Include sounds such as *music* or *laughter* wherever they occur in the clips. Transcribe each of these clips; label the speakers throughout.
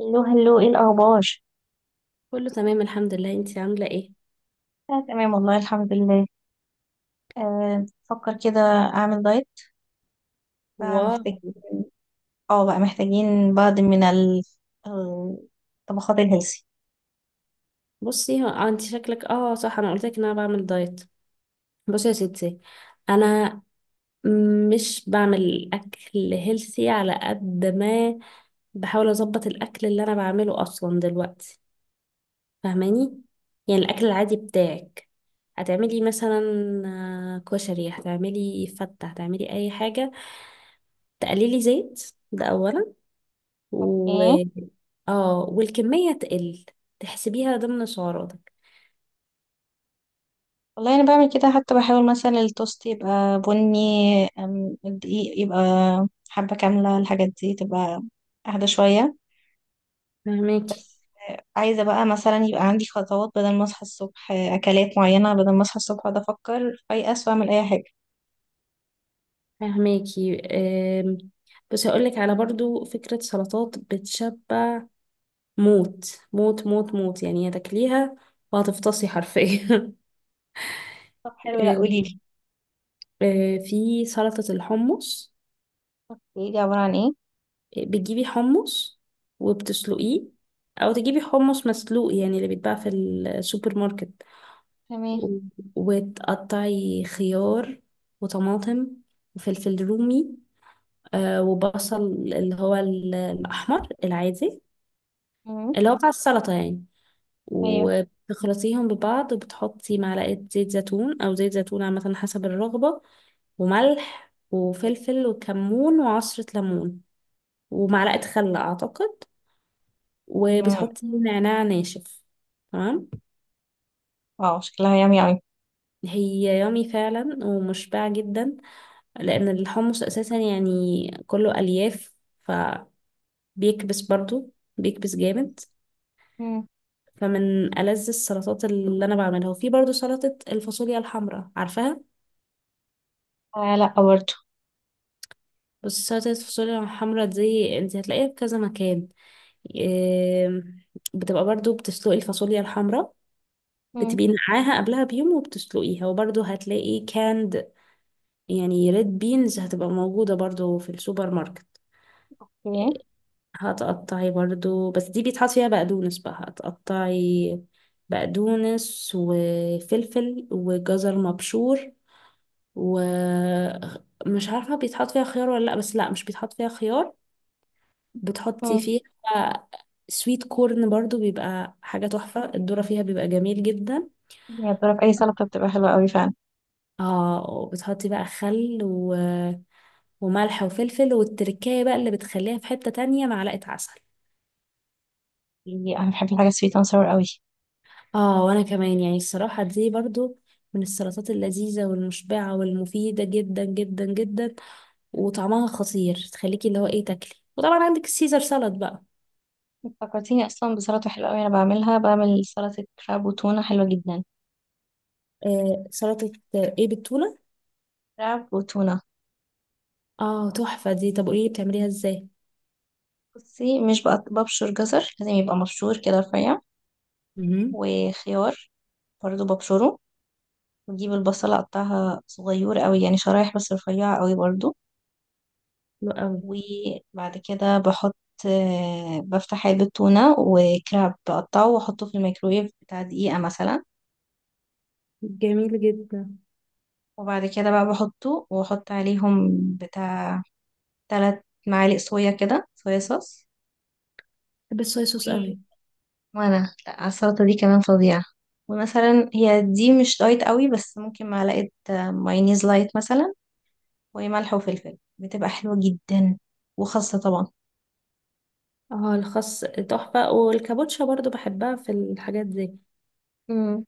Speaker 1: هلو هلو، ايه الاخبار؟
Speaker 2: كله تمام الحمد لله، انتي عاملة ايه؟
Speaker 1: آه، تمام، والله الحمد لله. آه، بفكر كده اعمل دايت.
Speaker 2: واو.
Speaker 1: فمحتاج. اه، بقى محتاجين بعض من الطبخات الهيلثي.
Speaker 2: بصي انتي شكلك، صح، انا قلت لك ان انا بعمل دايت. بصي يا ستي، انا مش بعمل اكل هيلثي على قد ما بحاول اظبط الاكل اللي انا بعمله اصلا دلوقتي، فاهماني؟ يعني الاكل العادي بتاعك، هتعملي مثلا كشري، هتعملي فتة، هتعملي اي حاجة، تقللي زيت ده اولا، و...
Speaker 1: اوكي.
Speaker 2: اه، والكمية تقل، تحسبيها ضمن سعراتك.
Speaker 1: والله انا بعمل كده، حتى بحاول مثلا التوست يبقى بني. الدقيق يبقى حبة كاملة، الحاجات دي تبقى اهدى شوية.
Speaker 2: فهماكي
Speaker 1: عايزة بقى مثلا يبقى عندي خطوات، بدل ما اصحى الصبح اكلات معينة، بدل ما اصحى الصبح اقعد افكر فايقة واعمل اي حاجة.
Speaker 2: فهماكي. أم، بس هقول لك على برضو فكرة سلطات بتشبع موت موت موت موت، يعني هتاكليها وهتفطسي حرفيا *laughs*
Speaker 1: طب حلو، لا قوليلي.
Speaker 2: أم، في سلطة الحمص.
Speaker 1: قوليلي عبارة عن ايه؟
Speaker 2: بتجيبي حمص وبتسلقيه، او تجيبي حمص مسلوق يعني اللي بيتباع في السوبر ماركت،
Speaker 1: تمام.
Speaker 2: و- وتقطعي خيار وطماطم وفلفل رومي، وبصل، اللي هو الأحمر العادي،
Speaker 1: مم.
Speaker 2: اللي هو بتاع السلطة يعني.
Speaker 1: ايوه.
Speaker 2: وبتخلطيهم ببعض، وبتحطي معلقة زيت زيتون أو زيت زيتون عامة حسب الرغبة، وملح وفلفل وكمون وعصرة ليمون، ومعلقة خل أعتقد،
Speaker 1: مم.
Speaker 2: وبتحطي نعناع ناشف. تمام.
Speaker 1: اه، شكلها يامي اوي.
Speaker 2: هي يامي فعلا ومشبعة جدا، لأن الحمص أساسا يعني كله ألياف، فبيكبس برضو، بيكبس جامد.
Speaker 1: مم.
Speaker 2: فمن ألذ السلطات اللي أنا بعملها. وفي برضو سلطة الفاصوليا الحمراء، عارفاها؟
Speaker 1: آه، لا برضه.
Speaker 2: بص، سلطة الفاصوليا الحمرا دي انت هتلاقيها في كذا مكان. إيه، بتبقى برضو بتسلقي الفاصوليا الحمرا،
Speaker 1: مم.
Speaker 2: بتبقي نقعاها قبلها بيوم وبتسلقيها، وبرضو هتلاقي كاند، يعني ريد بينز هتبقى موجودة برضو في السوبر ماركت.
Speaker 1: اوكي.
Speaker 2: هتقطعي برضو، بس دي بيتحط فيها بقدونس بقى، هتقطعي بقدونس وفلفل وجزر مبشور، ومش عارفة بيتحط فيها خيار ولا لأ، بس لأ مش بيتحط فيها خيار. بتحطي
Speaker 1: مم.
Speaker 2: فيها سويت كورن برضو، بيبقى حاجة تحفة، الذرة فيها بيبقى جميل جدا.
Speaker 1: هي بتعرف، اي سلطه بتبقى حلوه قوي فعلا.
Speaker 2: اه، وبتحطي بقى خل و... وملح وفلفل والتركاية بقى اللي بتخليها في حتة تانية، معلقة عسل.
Speaker 1: انا بحب الحاجه سويت اند sour قوي.
Speaker 2: اه وانا كمان، يعني الصراحة دي برضو من السلطات اللذيذة والمشبعة والمفيدة جدا جدا جدا، وطعمها خطير تخليكي اللي هو ايه، تاكلي. وطبعا عندك السيزر سلطة بقى.
Speaker 1: فكرتيني اصلا بسلطه حلوه قوي، انا بعملها، بعمل سلطه كراب وتونه حلوه جدا.
Speaker 2: آه سلطة ايه، بالتونة؟
Speaker 1: كراب وتونه.
Speaker 2: اه تحفة دي. طب قوليلي بتعمليها ازاي؟
Speaker 1: بصي، مش ببشر جزر، لازم يبقى مبشور كده رفيع.
Speaker 2: مهم.
Speaker 1: وخيار. برضه ببشره. وأجيب البصلة أقطعها صغيرة قوي، يعني شرايح بس رفيعة قوي برضه.
Speaker 2: حلو قوي.
Speaker 1: وبعد كده بحط. بفتح علبة تونة وكراب، بقطعه واحطه في الميكرويف بتاع دقيقة مثلا.
Speaker 2: جميل جدا.
Speaker 1: وبعد كده بقى بحطه واحط عليهم. بتاع 3 معالق صويا كده، صويا صوص.
Speaker 2: بحب الصويا
Speaker 1: و...
Speaker 2: صوص قوي.
Speaker 1: وانا لا على السلطة دي كمان فظيعة. ومثلا هي دي مش دايت قوي، بس ممكن معلقة مايونيز لايت مثلا. وملح وفلفل، بتبقى حلوة جدا. وخاصة طبعا.
Speaker 2: اه الخس تحفة، والكابوتشا برضو بحبها في الحاجات دي،
Speaker 1: امم.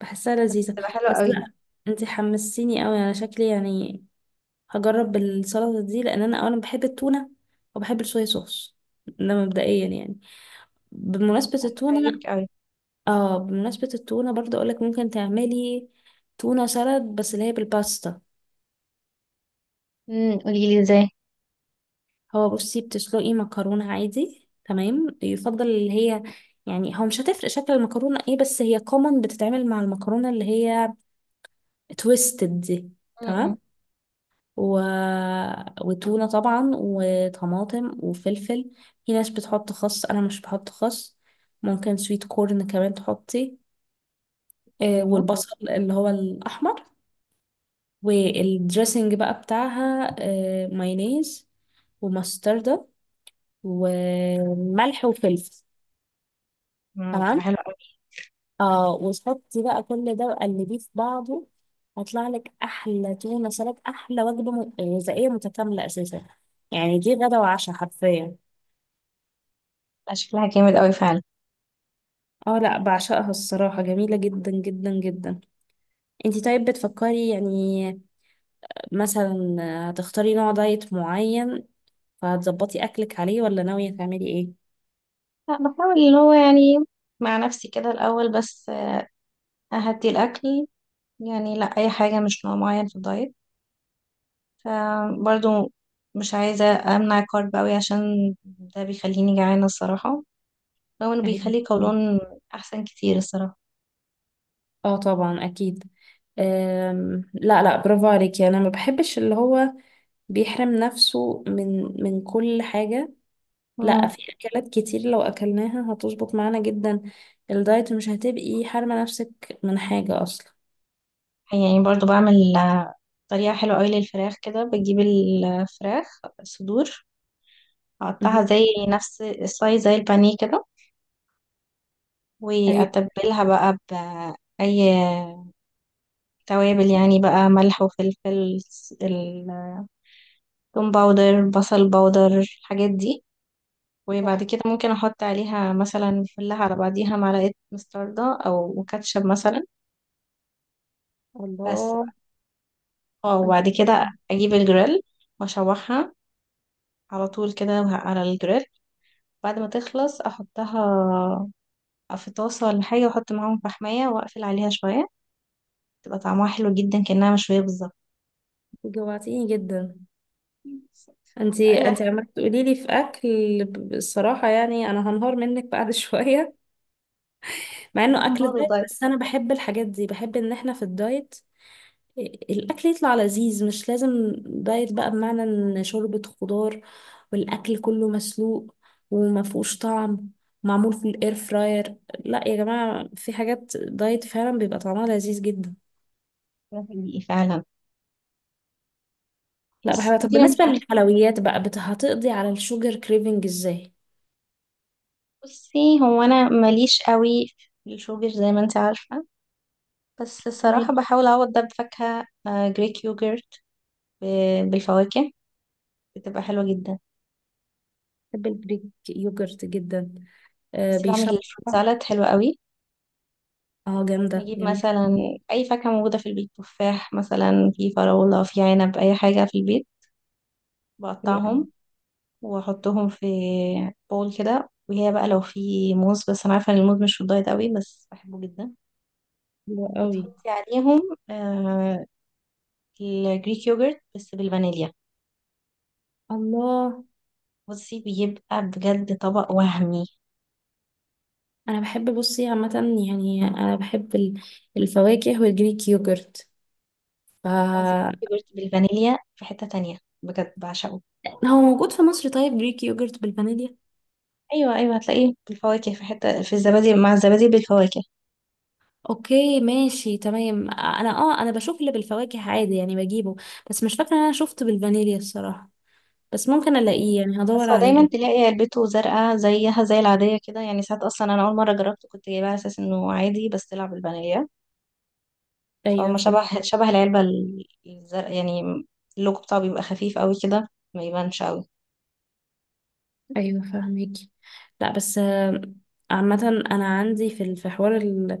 Speaker 2: بحسها
Speaker 1: بس
Speaker 2: لذيذة.
Speaker 1: بتبقى حلوة
Speaker 2: بس
Speaker 1: قوي.
Speaker 2: لا، انتي حمسيني قوي على شكلي يعني، هجرب السلطة دي لان انا اولا بحب التونة، وبحب الصويا صوص، ده مبدئيا يعني. بمناسبة التونة،
Speaker 1: هتعجبك قوي.
Speaker 2: اه بمناسبة التونة برضو اقولك ممكن تعملي تونة سلad، بس اللي هي بالباستا.
Speaker 1: قوليلي.
Speaker 2: هو بصي، بتسلقي مكرونة عادي تمام، يفضل اللي هي، يعني هو مش هتفرق شكل المكرونة ايه، بس هي كومن بتتعمل مع المكرونة اللي هي تويستد دي.
Speaker 1: ازاي؟
Speaker 2: تمام. و... وتونة طبعا، وطماطم وفلفل، في ناس بتحط خس انا مش بحط خس، ممكن سويت كورن كمان تحطي،
Speaker 1: مم.
Speaker 2: والبصل اللي هو الأحمر. والدريسنج بقى بتاعها مايونيز ومستردة وملح وفلفل.
Speaker 1: بتبقى
Speaker 2: تمام.
Speaker 1: حلوة أوي.
Speaker 2: اه وتحطي بقى كل ده وقلبيه في بعضه، هيطلع لك احلى تونه سلطه، احلى وجبه غذائيه متكامله اساسا. يعني دي غدا وعشاء حرفيا.
Speaker 1: لا، شكلها جامد أوي فعلا.
Speaker 2: اه لا، بعشقها الصراحة، جميلة جدا جدا جدا. انتي طيب بتفكري يعني مثلا هتختاري نوع دايت معين فهتظبطي اكلك عليه، ولا ناوية تعملي ايه؟
Speaker 1: لا، بحاول اللي هو يعني. مع نفسي كده الأول بس. أهدي الأكل. يعني لا، أي حاجة، مش نوع معين في الدايت. فبرضه. مش عايزة. أمنع كارب أوي، عشان ده بيخليني جعانة الصراحة. رغم إنه
Speaker 2: أيوة.
Speaker 1: بيخلي قولون. أحسن كتير الصراحة.
Speaker 2: اه طبعا اكيد. أم، لا لا، برافو عليكي. انا ما بحبش اللي هو بيحرم نفسه من كل حاجة. لا،
Speaker 1: مم.
Speaker 2: في اكلات كتير لو اكلناها هتظبط معانا جدا، الدايت مش هتبقي حارمة نفسك من حاجة اصلا.
Speaker 1: يعني برضه بعمل طريقة حلوة أوي للفراخ، كده بجيب الفراخ صدور. أقطعها
Speaker 2: مهم.
Speaker 1: زي نفس السايز زي البانيه كده.
Speaker 2: ايوه.
Speaker 1: واتبلها بقى باي. توابل، يعني بقى ملح وفلفل، التوم باودر، بصل باودر، الحاجات دي. وبعد
Speaker 2: صح.
Speaker 1: كده ممكن احط عليها مثلا، فلها على بعضيها معلقه مستردة او كاتشب مثلا. بس بقى.
Speaker 2: الله.
Speaker 1: اه،
Speaker 2: انت
Speaker 1: وبعد كده اجيب الجريل. واشوحها. على طول كده على الجريل. بعد ما تخلص احطها. في طاسه ولا حاجه، واحط معاهم فحمايه واقفل عليها شويه. تبقى طعمها حلو جدا، كأنها مشويه بالظبط.
Speaker 2: جوعتيني جدا، انت
Speaker 1: *laughs*
Speaker 2: عمالة تقولي لي في اكل. الصراحة يعني انا هنهار منك بعد *laughs* شوية، مع انه
Speaker 1: فاهمة
Speaker 2: اكل
Speaker 1: برضه،
Speaker 2: دايت،
Speaker 1: طيب.
Speaker 2: بس انا بحب الحاجات دي، بحب ان احنا في الدايت الاكل يطلع لذيذ، مش لازم دايت بقى بمعنى ان شوربة خضار والاكل كله مسلوق وما فيهوش طعم، معمول في الاير فراير. لا يا جماعة، في حاجات دايت فعلا بيبقى طعمها لذيذ جدا.
Speaker 1: ده حقيقي فعلا.
Speaker 2: لا
Speaker 1: بس
Speaker 2: بحبها. طب
Speaker 1: مدينة من
Speaker 2: بالنسبة
Speaker 1: حاجة.
Speaker 2: للحلويات بقى، هتقضي على الشوجر كريفنج ازاي؟
Speaker 1: بصي، هو أنا ماليش قوي في الشوجر، زي ما انت عارفة. بس الصراحة
Speaker 2: تمام.
Speaker 1: بحاول أعوض ده بفاكهة، جريك يوجرت. بالفواكه. بتبقى حلوة جدا.
Speaker 2: بحب الجريك يوجرت جدا، آه
Speaker 1: بس بعمل
Speaker 2: بيشبع.
Speaker 1: الفروت سالاد حلوة قوي.
Speaker 2: اه جامدة،
Speaker 1: نجيب
Speaker 2: جميل.
Speaker 1: مثلا. أي فاكهة موجودة في البيت، تفاح مثلا، في فراولة، في عنب، أي حاجة في البيت.
Speaker 2: حلوة قوي.
Speaker 1: بقطعهم. وأحطهم في بول كده. وهي بقى لو في موز، بس أنا عارفة إن الموز مش في الدايت قوي، بس بحبه جدا.
Speaker 2: حلوة قوي.
Speaker 1: وتحطي عليهم آه الجريك يogurt بس بالفانيليا.
Speaker 2: الله.
Speaker 1: بصي، بيبقى بجد طبق وهمي.
Speaker 2: انا بحب بصي عامه، يعني انا بحب الفواكه والجريك يوجرت، ف...
Speaker 1: خلاص، الجريك يogurt بالفانيليا في حتة تانية. بجد بعشقه.
Speaker 2: هو موجود في مصر طيب جريك يوجرت بالفانيليا؟
Speaker 1: أيوة، أيوة، هتلاقيه بالفواكه في حتة، في الزبادي، مع الزبادي بالفواكه.
Speaker 2: اوكي ماشي تمام. انا اه انا بشوف اللي بالفواكه عادي يعني بجيبه، بس مش فاكره ان انا شفت بالفانيليا الصراحه، بس ممكن الاقيه يعني هدور
Speaker 1: بس هو دايما
Speaker 2: عليه.
Speaker 1: تلاقي علبته زرقاء، زيها زي العادية كده. يعني ساعات أصلا، أنا أول مرة جربته كنت جايباه على أساس إنه عادي، بس طلع بالفانيليا.
Speaker 2: ايوه
Speaker 1: فهو شبه
Speaker 2: فاهمك.
Speaker 1: شبه العلبة الزرقاء يعني. اللوجو بتاعه بيبقى خفيف قوي كده. ما يبانش قوي.
Speaker 2: ايوه فاهمك. لا بس عامة أنا عندي في في حوار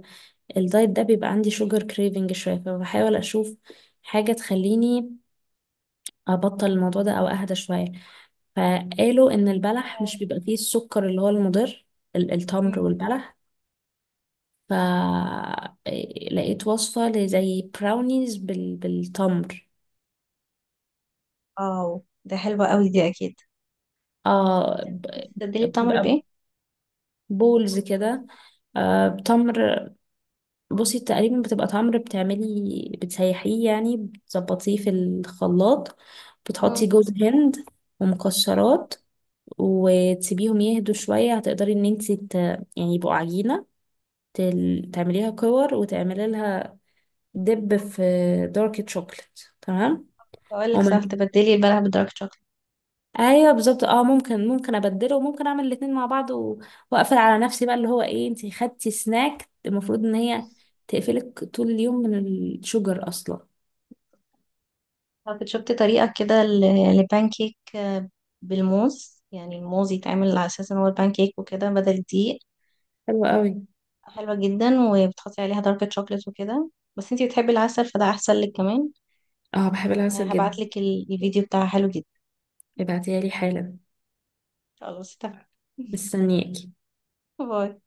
Speaker 2: الدايت ده، بيبقى عندي شوجر كريفنج شوية، فبحاول أشوف حاجة تخليني ابطل الموضوع ده او اهدى شويه. فقالوا ان البلح مش بيبقى فيه السكر اللي هو المضر، التمر والبلح. فلقيت وصفة لزي براونيز بال... بالتمر.
Speaker 1: اه، ده حلوة قوي دي، اكيد.
Speaker 2: اه،
Speaker 1: تبدلي التمر
Speaker 2: بتبقى
Speaker 1: بايه؟
Speaker 2: بولز كده، آه بتمر. بصي تقريبا بتبقى تمر، بتعملي بتسيحيه يعني بتظبطيه في الخلاط، بتحطي
Speaker 1: مم.
Speaker 2: جوز هند ومكسرات، وتسيبيهم يهدوا شوية، هتقدري ان انتي ت... يعني يبقوا عجينة، تعمليها كور وتعملي لها دب في دارك تشوكلت. تمام.
Speaker 1: كنت اقول لك،
Speaker 2: ومن...
Speaker 1: صح، تبدلي البلح بدارك شوكليت.
Speaker 2: ايوه بالظبط. اه ممكن، ابدله وممكن اعمل الاتنين مع بعض و... واقفل على نفسي بقى اللي هو ايه، انتي خدتي سناك المفروض ان هي تقفلك طول اليوم من الشجر اصلا.
Speaker 1: طب شفتي طريقة كده لبانكيك بالموز، يعني الموز يتعمل على اساس ان هو البانكيك وكده بدل الدقيق.
Speaker 2: حلوة قوي.
Speaker 1: حلوة جدا، وبتحطي عليها دارك شوكليت وكده. بس انتي بتحبي العسل، فده احسن لك كمان.
Speaker 2: اه بحب العسل جدا.
Speaker 1: هبعتلك الفيديو بتاعها حلو جدا.
Speaker 2: ابعتيها لي حالا.
Speaker 1: خلاص، اتفقنا. *laughs*
Speaker 2: مستنياكي.
Speaker 1: باي.